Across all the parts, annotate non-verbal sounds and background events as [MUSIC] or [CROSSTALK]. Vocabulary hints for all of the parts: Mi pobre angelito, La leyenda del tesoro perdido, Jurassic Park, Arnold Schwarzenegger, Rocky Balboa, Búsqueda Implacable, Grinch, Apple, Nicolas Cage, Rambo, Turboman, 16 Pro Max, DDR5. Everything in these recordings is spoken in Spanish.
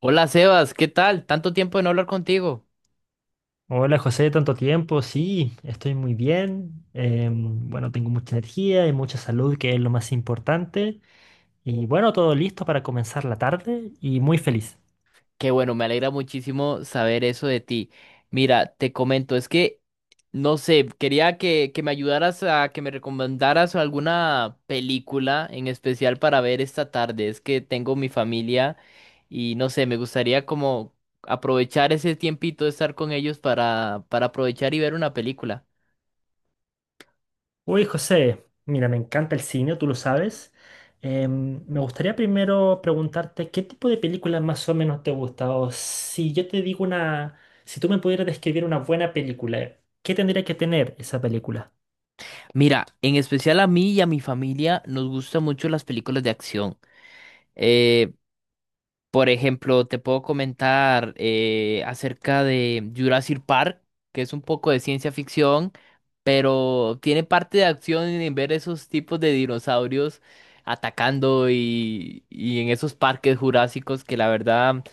Hola Sebas, ¿qué tal? Tanto tiempo de no hablar contigo. Hola José, tanto tiempo. Sí, estoy muy bien. Bueno, tengo mucha energía y mucha salud, que es lo más importante. Y bueno, todo listo para comenzar la tarde y muy feliz. Qué bueno, me alegra muchísimo saber eso de ti. Mira, te comento, es que, no sé, quería que me ayudaras a que me recomendaras alguna película en especial para ver esta tarde. Es que tengo mi familia y no sé, me gustaría como aprovechar ese tiempito de estar con ellos para aprovechar y ver una película. Uy, José, mira, me encanta el cine, tú lo sabes. Me gustaría primero preguntarte qué tipo de películas más o menos te gusta. O si yo te digo una, si tú me pudieras describir una buena película, ¿qué tendría que tener esa película? Mira, en especial a mí y a mi familia nos gustan mucho las películas de acción. Eh, por ejemplo, te puedo comentar acerca de Jurassic Park, que es un poco de ciencia ficción, pero tiene parte de acción en ver esos tipos de dinosaurios atacando y en esos parques jurásicos que la verdad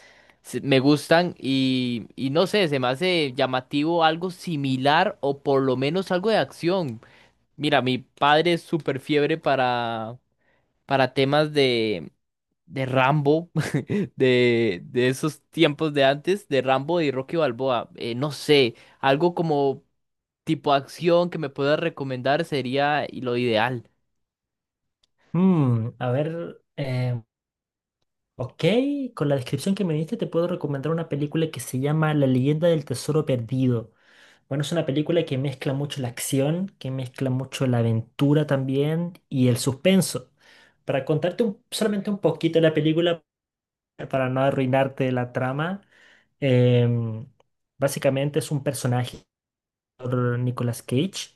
me gustan y no sé, se me hace llamativo algo similar o por lo menos algo de acción. Mira, mi padre es súper fiebre para temas de Rambo, [LAUGHS] de esos tiempos de antes, de Rambo y Rocky Balboa. No sé, algo como tipo acción que me puedas recomendar sería lo ideal. A ver. Ok, con la descripción que me diste te puedo recomendar una película que se llama La leyenda del tesoro perdido. Bueno, es una película que mezcla mucho la acción, que mezcla mucho la aventura también y el suspenso. Para contarte solamente un poquito de la película, para no arruinarte la trama, em, básicamente es un personaje por Nicolas Cage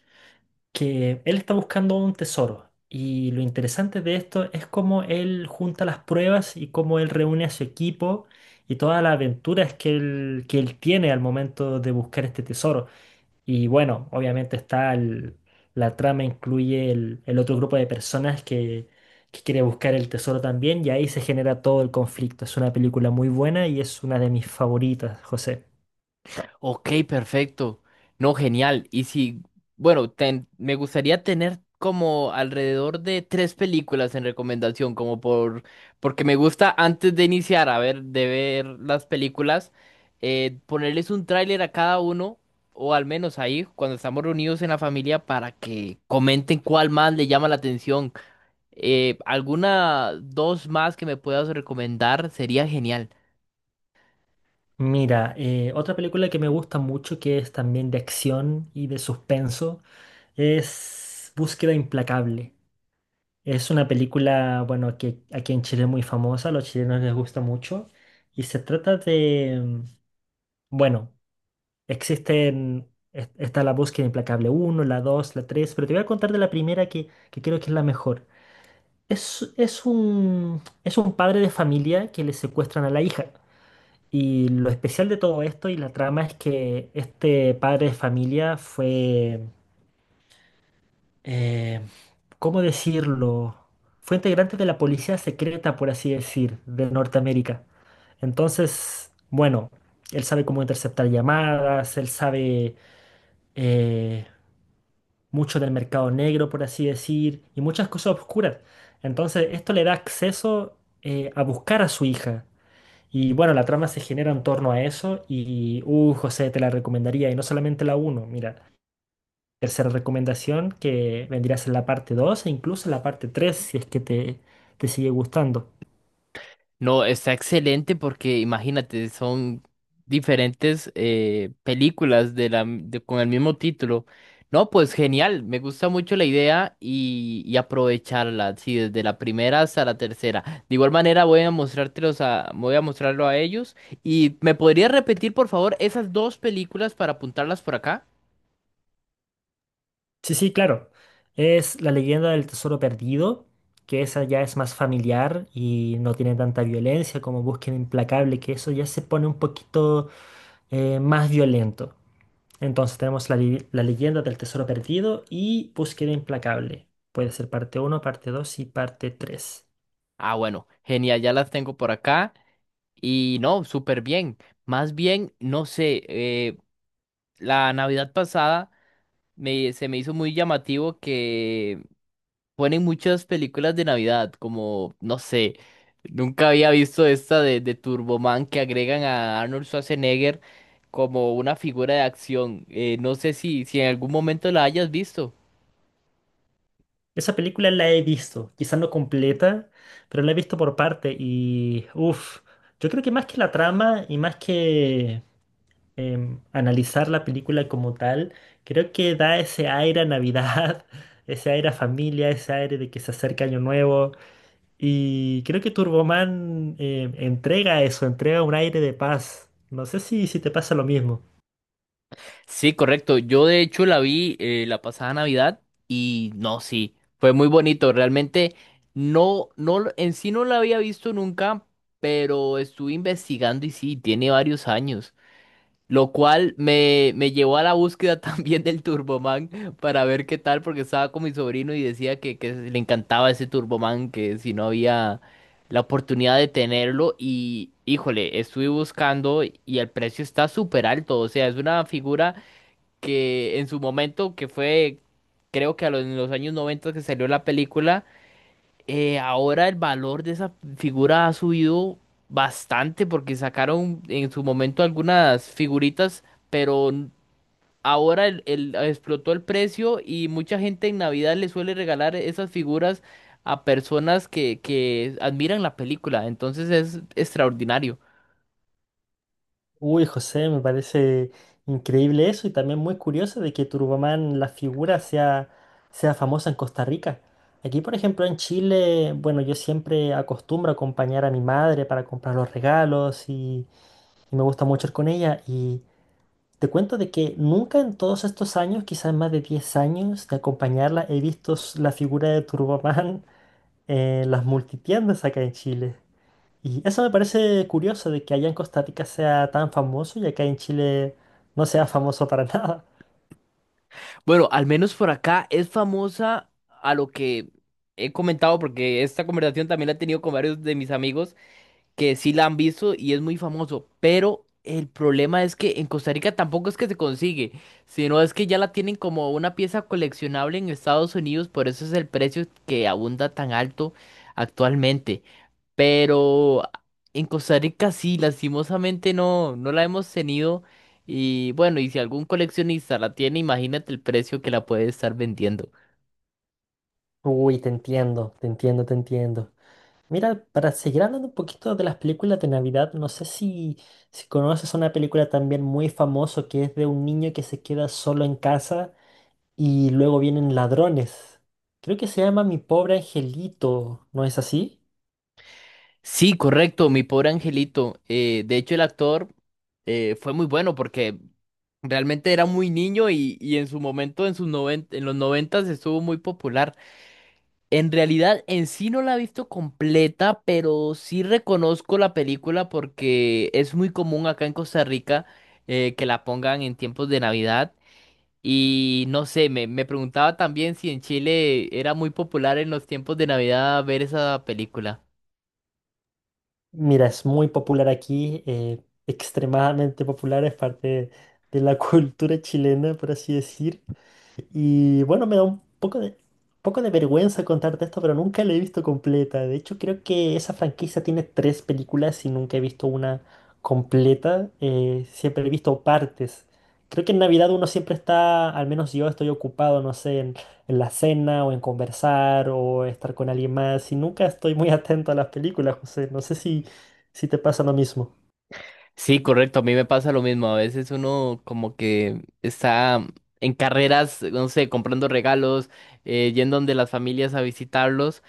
que él está buscando un tesoro. Y lo interesante de esto es cómo él junta las pruebas y cómo él reúne a su equipo y todas las aventuras que él tiene al momento de buscar este tesoro. Y bueno, obviamente la trama incluye el otro grupo de personas que quiere buscar el tesoro también y ahí se genera todo el conflicto. Es una película muy buena y es una de mis favoritas, José. Ok, perfecto. No, genial. Y si, bueno, me gustaría tener como alrededor de tres películas en recomendación, porque me gusta antes de iniciar a ver, de ver las películas, ponerles un tráiler a cada uno, o al menos ahí, cuando estamos reunidos en la familia, para que comenten cuál más le llama la atención. Alguna dos más que me puedas recomendar sería genial. Mira, otra película que me gusta mucho, que es también de acción y de suspenso, es Búsqueda Implacable. Es una película, bueno, que aquí en Chile es muy famosa, a los chilenos les gusta mucho, y se trata de, bueno, existen, está la Búsqueda Implacable uno, la 2, la 3, pero te voy a contar de la primera que creo que es la mejor. Es, es un padre de familia que le secuestran a la hija. Y lo especial de todo esto y la trama es que este padre de familia fue, eh, ¿cómo decirlo? Fue integrante de la policía secreta, por así decir, de Norteamérica. Entonces, bueno, él sabe cómo interceptar llamadas, él sabe eh, mucho del mercado negro, por así decir, y muchas cosas oscuras. Entonces, esto le da acceso a buscar a su hija. Y bueno, la trama se genera en torno a eso y, José, te la recomendaría, y no solamente la uno mira, tercera recomendación que vendrías en la parte 2 e incluso en la parte 3 si es que te sigue gustando. No, está excelente porque imagínate, son diferentes películas de la con el mismo título. No, pues genial, me gusta mucho la idea y aprovecharla, sí, desde la primera hasta la tercera. De igual manera voy a mostrarlo a ellos. ¿Y me podrías repetir, por favor, esas dos películas para apuntarlas por acá? Sí, sí, claro, es La leyenda del tesoro perdido, que esa ya es más familiar y no tiene tanta violencia como Búsqueda Implacable, que eso ya se pone un poquito más violento. Entonces tenemos la leyenda del tesoro perdido y Búsqueda implacable. Puede ser parte uno, parte 2 y parte 3. Ah, bueno, genial, ya las tengo por acá. Y no, súper bien. Más bien, no sé, la Navidad pasada. Se me hizo muy llamativo que ponen muchas películas de Navidad, como, no sé, nunca había visto esta de Turboman que agregan a Arnold Schwarzenegger como una figura de acción. No sé si, si en algún momento la hayas visto. Esa película la he visto, quizás no completa, pero la he visto por parte y uff, yo creo que más que la trama y más que analizar la película como tal, creo que da ese aire a Navidad, [LAUGHS] ese aire a familia, ese aire de que se acerca Año Nuevo. Y creo que Turboman entrega eso, entrega un aire de paz. No sé si, si te pasa lo mismo. Sí, correcto. Yo de hecho la vi la pasada Navidad y no, sí, fue muy bonito. Realmente no, en sí no la había visto nunca, pero estuve investigando y sí, tiene varios años. Lo cual me llevó a la búsqueda [LAUGHS] también del Turboman para ver qué tal, porque estaba con mi sobrino y decía que le encantaba ese Turboman, que si no había la oportunidad de tenerlo. Y híjole, estuve buscando y el precio está súper alto. O sea, es una figura que en su momento, que fue, creo que en los años 90 que salió la película. Ahora el valor de esa figura ha subido bastante porque sacaron en su momento algunas figuritas, pero ahora explotó el precio y mucha gente en Navidad le suele regalar esas figuras a personas que admiran la película. Entonces es extraordinario. Uy, José, me parece increíble eso y también muy curioso de que Turboman, la figura, sea famosa en Costa Rica. Aquí, por ejemplo, en Chile, bueno, yo siempre acostumbro a acompañar a mi madre para comprar los regalos y me gusta mucho ir con ella. Y te cuento de que nunca en todos estos años, quizás más de 10 años de acompañarla, he visto la figura de Turboman en las multitiendas acá en Chile. Y eso me parece curioso de que allá en Costa Rica sea tan famoso y acá en Chile no sea famoso para [LAUGHS] nada. Bueno, al menos por acá es famosa a lo que he comentado porque esta conversación también la he tenido con varios de mis amigos que sí la han visto y es muy famoso, pero el problema es que en Costa Rica tampoco es que se consigue, sino es que ya la tienen como una pieza coleccionable en Estados Unidos, por eso es el precio que abunda tan alto actualmente. Pero en Costa Rica sí, lastimosamente no, no la hemos tenido y bueno, y si algún coleccionista la tiene, imagínate el precio que la puede estar vendiendo. Uy, te entiendo, te entiendo, te entiendo. Mira, para seguir hablando un poquito de las películas de Navidad, no sé si, si conoces una película también muy famosa que es de un niño que se queda solo en casa y luego vienen ladrones. Creo que se llama Mi pobre angelito, ¿no es así? Sí, correcto, mi pobre angelito. De hecho, el actor fue muy bueno porque realmente era muy niño y en su momento, en en los noventas estuvo muy popular. En realidad, en sí no la he visto completa, pero sí reconozco la película porque es muy común acá en Costa Rica que la pongan en tiempos de Navidad. Y no sé, me preguntaba también si en Chile era muy popular en los tiempos de Navidad ver esa película. Mira, es muy popular aquí, extremadamente popular, es parte de la [LAUGHS] cultura chilena, por así decir. Y bueno, me da poco de vergüenza contarte esto, pero nunca la he visto completa. De hecho, creo que esa franquicia tiene tres películas y nunca he visto una completa. Siempre he visto partes. Creo que en Navidad uno siempre está, al menos yo estoy ocupado, no sé, en la cena o en conversar o estar con alguien más. Y nunca estoy muy atento a las películas, José. No sé si, si te pasa lo mismo. Sí, correcto, a mí me pasa lo mismo. A veces uno como que está en carreras, no sé, comprando regalos, yendo donde las familias a visitarlos.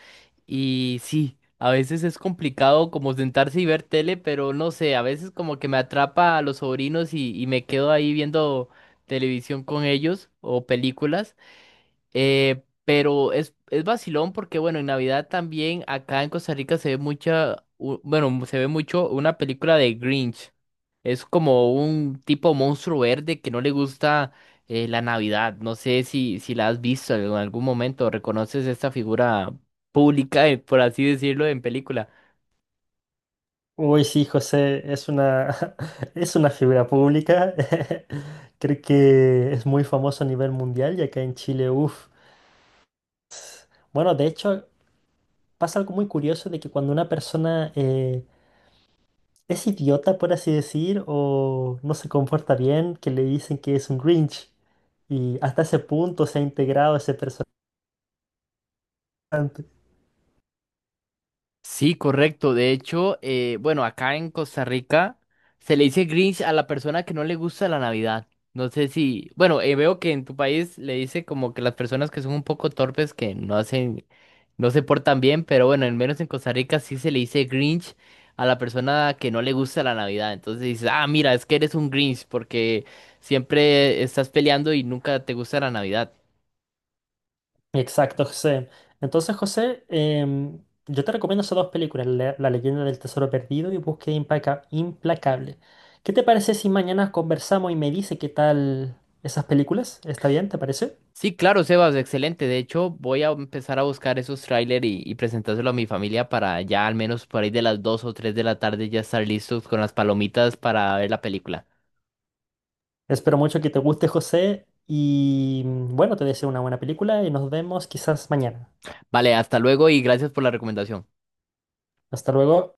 Y sí, a veces es complicado como sentarse y ver tele, pero no sé, a veces como que me atrapa a los sobrinos y me quedo ahí viendo televisión con ellos o películas. Pero es vacilón porque, bueno, en Navidad también acá en Costa Rica se ve mucha, u- bueno, se ve mucho una película de Grinch. Es como un tipo monstruo verde que no le gusta la Navidad. No sé si, si la has visto en algún momento, reconoces esta figura pública, por así decirlo, en película. Uy, sí, José, es una, [LAUGHS] es una figura pública. [LAUGHS] Creo que es muy famoso a nivel mundial y acá en Chile, uff. Bueno, de hecho, pasa algo muy curioso de que cuando una persona es idiota, por así decir, o no se comporta bien, que le dicen que es un Grinch. Y hasta ese punto se ha integrado ese personaje. Sí, correcto. De hecho, bueno, acá en Costa Rica se le dice Grinch a la persona que no le gusta la Navidad. No sé si, bueno, veo que en tu país le dice como que las personas que son un poco torpes, que no hacen, no se portan bien, pero bueno, al menos en Costa Rica sí se le dice Grinch a la persona que no le gusta la Navidad. Entonces dices, ah, mira, es que eres un Grinch porque siempre estás peleando y nunca te gusta la Navidad. Exacto, José. Entonces, José, yo te recomiendo esas dos películas, La leyenda del tesoro perdido y Búsqueda implacable. ¿Qué te parece si mañana conversamos y me dice qué tal esas películas? ¿Está bien? ¿Te parece? Sí, claro, Sebas, excelente. De hecho, voy a empezar a buscar esos tráiler y presentárselo a mi familia para ya al menos por ahí de las 2 o 3 de la tarde ya estar listos con las palomitas para ver la película. Espero mucho que te guste, José, y bueno, te deseo una buena película y nos vemos quizás mañana. Vale, hasta luego y gracias por la recomendación. Hasta luego.